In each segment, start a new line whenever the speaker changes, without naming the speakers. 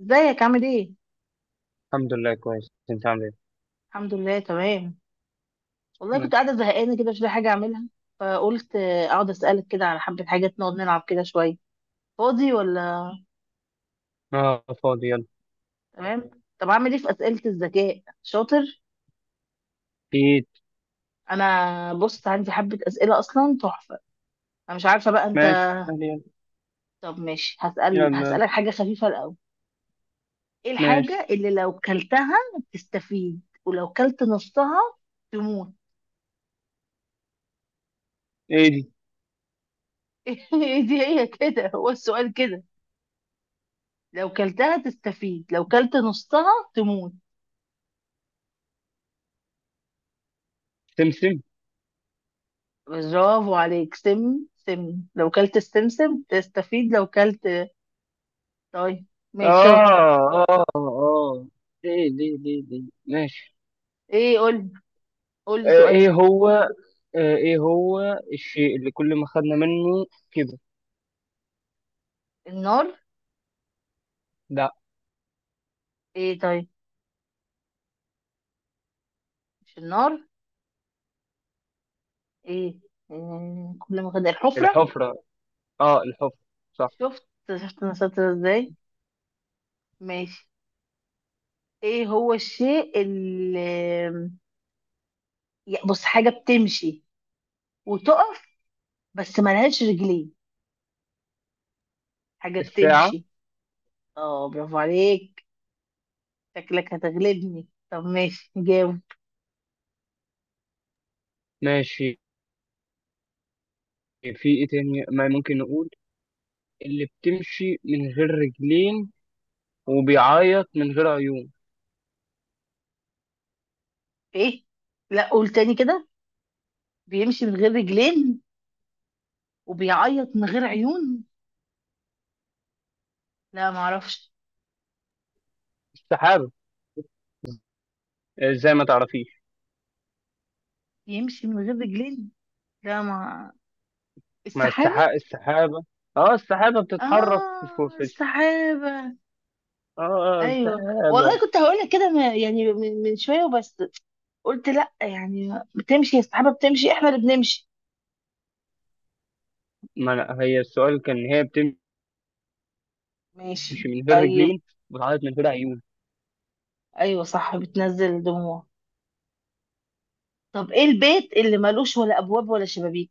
ازيك؟ عامل ايه؟
الحمد لله كويس. انت عامل ايه؟
الحمد لله تمام. والله كنت
تمام.
قاعدة زهقانة كده، مش لاقي حاجة أعملها، فقلت أقعد أسألك كده على حبة حاجات، نقعد نلعب كده شوية. فاضي ولا
اه، فاضي، يلا.
تمام؟ طب أعمل ايه في أسئلة الذكاء؟ شاطر؟
ايد.
أنا بص عندي حبة أسئلة أصلا تحفة. أنا مش عارفة بقى أنت.
ماشي، يلا
طب ماشي،
يلا
هسأل
يلا.
هسألك حاجة خفيفة الأول. ايه
ماشي.
الحاجة اللي لو كلتها تستفيد، ولو كلت نصها تموت؟
ايه دي؟
ايه دي، هي كده، هو السؤال كده. لو كلتها تستفيد، لو كلت نصها تموت.
سمسم.
برافو عليك، سم سم. لو كلت السمسم تستفيد، لو كلت. طيب، ماشي شاطر.
اه اه اه. ايه دي ماشي.
ايه قول، قول لي
آه ايه
سؤال.
هو آه ايه هو الشيء اللي كل ما خدنا منه كده؟
النار.
لا.
ايه طيب، مش النار. ايه. كل ما خد الحفرة.
الحفرة، اه الحفرة، صح.
شفت، شفت انا شاطرة ازاي. ماشي. ايه هو الشيء اللي، بص حاجة بتمشي وتقف، بس ملهاش رجلين. حاجة
الساعة.
بتمشي. اه برافو عليك، شكلك هتغلبني، طب ماشي جاوب.
ماشي. في ايه تاني ما ممكن نقول اللي بتمشي من غير رجلين وبيعيط من غير عيون؟
ايه، لا قول تاني كده. بيمشي من غير رجلين، وبيعيط من غير عيون. لا ما اعرفش.
السحابة. آه، زي ما تعرفيش.
يمشي من غير رجلين، لا ما،
مع
السحابة.
السحابة، السحابة. اه، السحابة بتتحرك
اه السحابة.
اه، آه،
ايوه والله
السحابة.
كنت هقول لك كده يعني من شوية وبس. قلت لا، يعني بتمشي، السحابة بتمشي، احنا اللي بنمشي.
ما أنا هي السؤال، كان هي بتمشي
ماشي
من غير
طيب.
رجلين وبتعيط من غير عيون.
ايوه صح، بتنزل دموع. طب ايه البيت اللي ملوش ولا ابواب ولا شبابيك؟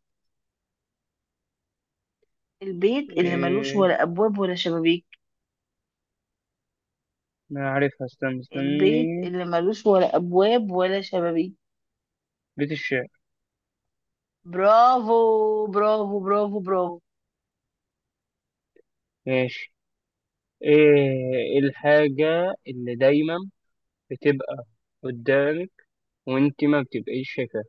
البيت اللي ملوش
ايه،
ولا ابواب ولا شبابيك.
انا عارفها، استنى
البيت
استني.
اللي ملوش ولا ابواب ولا شبابيك.
بيت الشعر.
برافو برافو برافو.
ماشي. ايه الحاجة اللي دايما بتبقى قدامك وانت ما بتبقيش شايفاها؟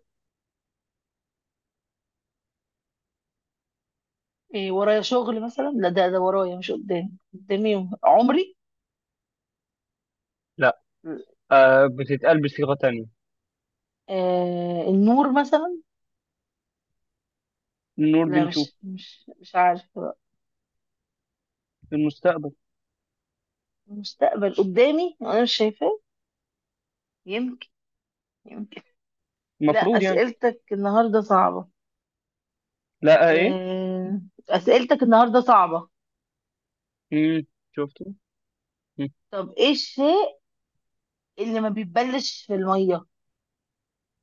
إيه ورايا شغل مثلا؟ لا، ده ورايا مش قدامي، قدامي عمري.
لا، آه، بتتقال بصيغة تانية.
النور مثلا.
النور
لا
بنشوف.
مش عارفة بقى.
في المستقبل.
المستقبل قدامي وانا مش شايفاه؟ يمكن، يمكن. لا
المفروض يعني.
اسئلتك النهارده صعبة.
لا، آه، ايه.
آه، اسئلتك النهارده صعبة.
امم، شفته.
طب ايه الشيء اللي ما بيتبلش في المية؟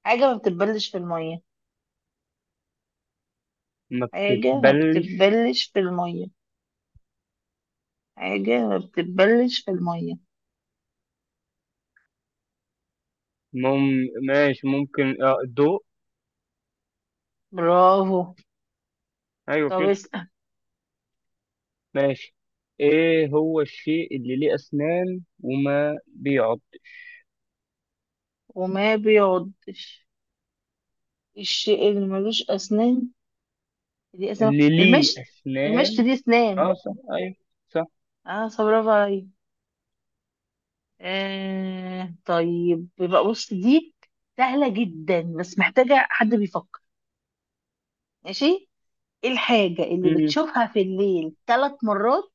حاجة ما بتتبلش في المية.
ما
حاجة ما
بتتبلش.
بتتبلش في المية. حاجة ما بتتبلش في المية.
ماشي، ممكن اه، الضوء.
برافو.
ايوه
طب
كده.
اسأل.
ماشي. ايه هو الشيء اللي ليه اسنان وما بيعض؟
وما بيعضش؟ الشيء اللي ملوش أسنان؟ دي أسنان؟
اللي ليه
المشط، المشط
اسنان.
دي
اه
أسنان.
صح، ايوه. صح.
اه صح، برافو عليا. طيب يبقى بص دي سهلة جدا، بس محتاجة حد بيفكر. ماشي. ايه الحاجة اللي
مم.
بتشوفها في الليل ثلاث مرات،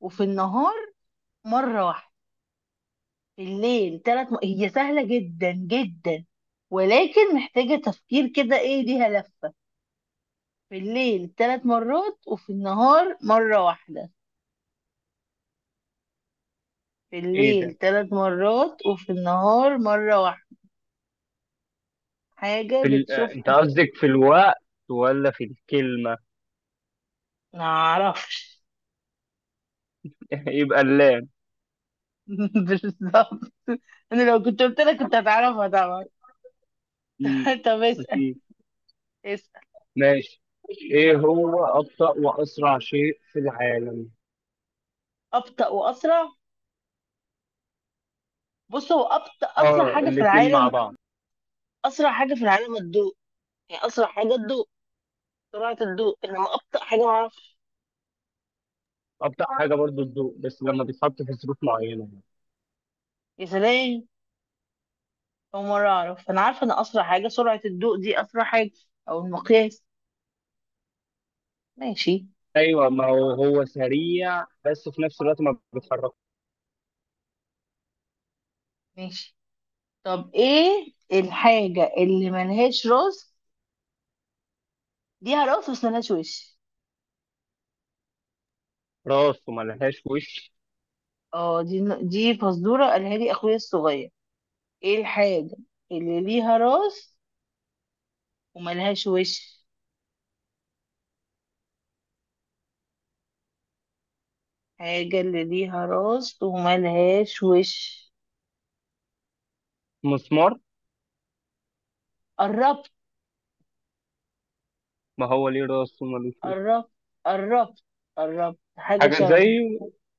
وفي النهار مرة واحدة؟ في الليل ثلاث م... هي سهلة جدا جدا، ولكن محتاجة تفكير كده، ايه ليها لفة. في الليل ثلاث مرات وفي النهار مرة واحدة. في
ايه ده؟
الليل ثلاث مرات وفي النهار مرة واحدة. حاجة
في ال... آه، انت
بتشوفها.
قصدك في الوقت ولا في الكلمة؟
معرفش.
يبقى اللام.
بالظبط. انا لو كنت قلت لك كنت هتعرفها طبعا.
مم.
طب اسأل،
اكيد.
اسأل.
ماشي. ايه هو ابطأ واسرع شيء في العالم؟
أبطأ وأسرع. بص هو أبطأ أسرع
اه،
حاجة في
الاتنين مع
العالم.
بعض.
أسرع حاجة في العالم الضوء، يعني أسرع حاجة الضوء، سرعة الضوء. إنما أبطأ حاجة معرفش.
ابطأ حاجة برضو الضوء، بس لما بيتحط في ظروف معينة.
يا سلام، أول مرة أعرف. أنا عارفة إن أسرع حاجة سرعة الضوء، دي أسرع حاجة أو المقياس. ماشي،
ايوه، ما هو هو سريع بس في نفس الوقت ما بيتحرك.
ماشي. طب ايه الحاجة اللي ملهاش راس، ليها راس بس ملهاش وش؟
راسه ما لهاش وش.
اه دي فزورة قالها لي اخويا الصغير. ايه الحاجة اللي ليها راس وملهاش وش؟ حاجة اللي ليها راس وملهاش وش.
مسمار.
قربت،
ما هو ليه راس وما لهوش وش.
قربت، قربت. قربت، حاجة
حاجه زي
شبهه.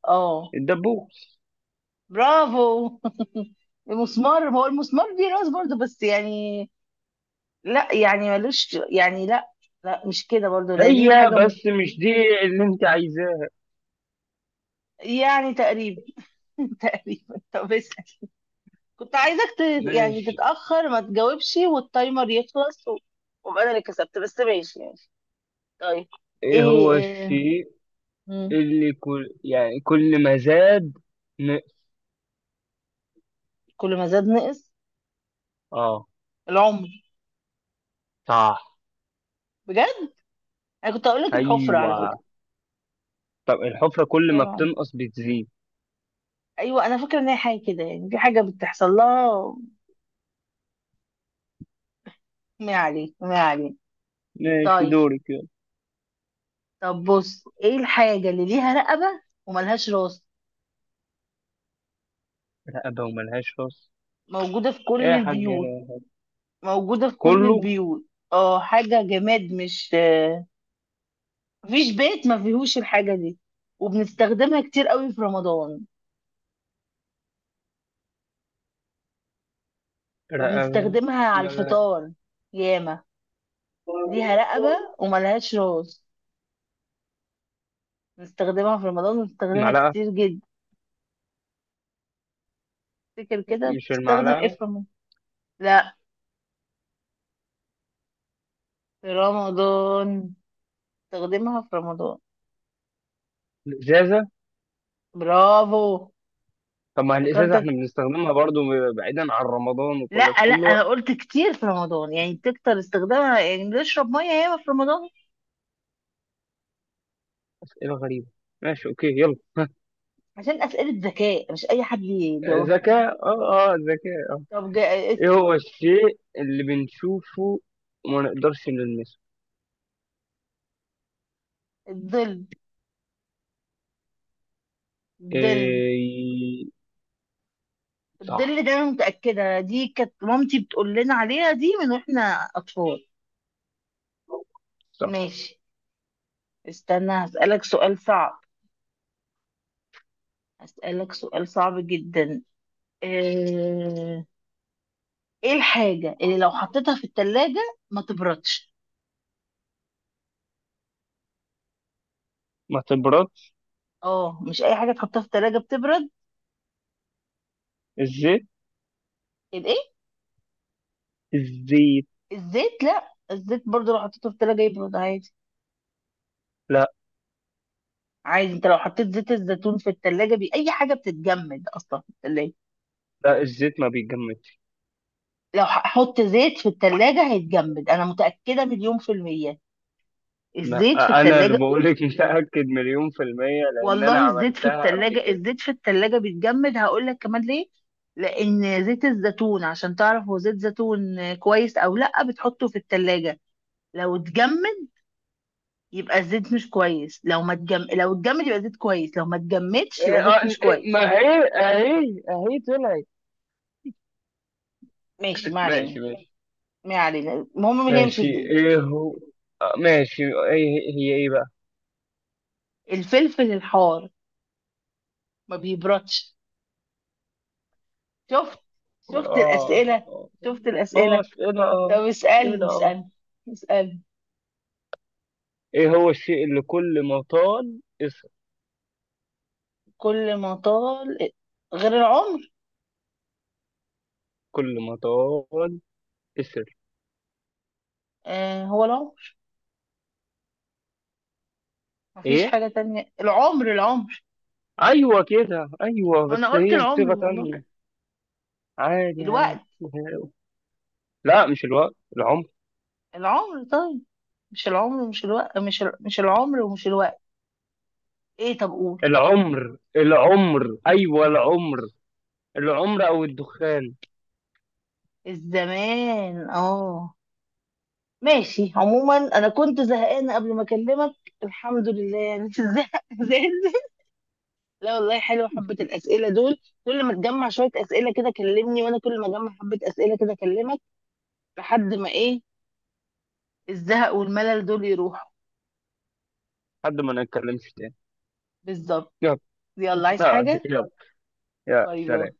اه
الدبوس.
برافو. المسمار، ما هو المسمار دي راس برضه، بس يعني لا يعني ملوش، يعني لا. لا مش كده برضو، لا دي
هي،
حاجة.
بس مش دي اللي انت عايزاها.
يعني تقريبا. تقريبا، طب اسأل. كنت عايزك ت... يعني
ماشي.
تتأخر ما تجاوبش والتايمر يخلص و... وابقى انا اللي كسبت، بس ماشي يعني. طيب.
ايه
ايه,
هو
إيه...
الشيء
مم.
اللي كل، يعني كل ما زاد ن...
كل ما زاد نقص.
اه
العمر.
صح،
بجد؟ انا كنت هقول لك الحفرة على
ايوه.
فكرة.
طب الحفره
بس
كل
هو
ما
العمر.
بتنقص بتزيد.
ايوه انا فاكرة ان هي حاجة كده، يعني في حاجة بتحصل لها. ما عليه، ما عليه.
ماشي،
طيب.
دورك، يلا.
طب بص ايه الحاجة اللي ليها رقبة وملهاش راس،
رقبه وملهاش راس.
موجودة في
ايه
كل
يا حاج،
البيوت؟ موجودة في كل
كله.
البيوت. اه حاجة جماد، مش آه، مفيش بيت ما فيهوش الحاجة دي. وبنستخدمها كتير قوي في رمضان، وبنستخدمها على
رقبه.
الفطار ياما. ليها رقبة وملهاش راس، بنستخدمها في رمضان، وبنستخدمها
معلقة.
كتير جدا. تفتكر كده
مش
بتستخدم ايه
المعلقة.
في رمضان؟ لا، في رمضان، بنستخدمها في رمضان.
الإزازة.
برافو.
طب ما الإزازة
افتكرتك.
احنا بنستخدمها برضو بعيدا عن رمضان، وكل في
لا لا
كل
انا
وقت.
قلت كتير في رمضان، يعني بتكتر استخدامها، يعني نشرب ميه ياما في رمضان.
أسئلة غريبة. ماشي، أوكي، يلا.
عشان اسئله ذكاء مش اي حد يجاوبها.
ذكاء، اه اه، ذكاء، اه.
طب جا...
إيه هو الشيء اللي بنشوفه وما نقدرش نلمسه؟
الظل، الظل.
إيه.
الظل
صح،
ده انا متاكده دي كانت مامتي بتقول لنا عليها دي من واحنا اطفال.
صح.
ماشي. استنى هسالك سؤال صعب، هسالك سؤال صعب جدا. ايه إيه الحاجه اللي لو حطيتها في التلاجة ما تبردش؟
ما تبرد.
اه مش اي حاجه تحطها في التلاجة بتبرد.
الزيت، الزيت.
الزيت؟ لا، الزيت برضو لو حطيته في التلاجة يبرد عادي.
لا.
عادي، انت لو حطيت زيت الزيتون في التلاجة بي... اي حاجة بتتجمد اصلا في التلاجة.
لا، الزيت ما بيتجمدش.
لو هحط زيت في التلاجة هيتجمد، انا متأكدة مليون في المية،
ما
الزيت في
أنا اللي
التلاجة.
بقولك متأكد مليون في المية، لأن أنا
والله الزيت في
عملتها قبل
التلاجة،
كده.
الزيت في التلاجة بيتجمد، هقول لك كمان ليه. لان زيت الزيتون عشان تعرف هو زيت زيتون كويس او لا، بتحطه في التلاجة، لو اتجمد يبقى الزيت مش كويس، لو ما اتجم... لو اتجمد يبقى زيت كويس، لو ما اتجمدش
إيه،
يبقى زيت
آه،
مش
إيه،
كويس.
ما هي اهي اهي طلعت.
ماشي، ما علينا،
ماشي ماشي.
ما علينا. المهم هيمشي
ماشي،
ازاي.
ايه هو؟ آه، ماشي، ايه هي ايه بقى؟
الفلفل الحار ما بيبردش. شفت، شفت
اه
الأسئلة،
اه.
شفت
آه،
الأسئلة.
ايه ده،
طب
اه. ايه
اسألني،
ده، اه.
اسألني، اسألني.
ايه هو الشيء اللي كل ما طال اسر؟
كل ما طال غير العمر.
كل ما طال اسر.
آه هو العمر، مفيش
ايه.
حاجة تانية، العمر، العمر.
ايوه كده، ايوه،
وانا
بس
قلت
هي
العمر
بصيغة
والله.
تانية. عادي عادي.
الوقت.
لا، مش الوقت، العمر.
العمر طيب. مش العمر، مش الوقت، مش العمر ومش الوقت. ايه طب قول.
العمر العمر، ايوه العمر. العمر او الدخان.
الزمان اه. ماشي، عموما انا كنت زهقانه قبل ما اكلمك، الحمد لله، يعني مش الزهق زاد. لا والله حلوه حبه الاسئله دول. كل ما تجمع شويه اسئله كده كلمني، وانا كل ما اجمع حبه اسئله كده اكلمك، لحد ما ايه، الزهق والملل دول يروحوا.
حد ما نتكلمش تاني.
بالظبط. يلا، عايز
لا،
حاجه؟
يلا. يا
باي باي.
سلام.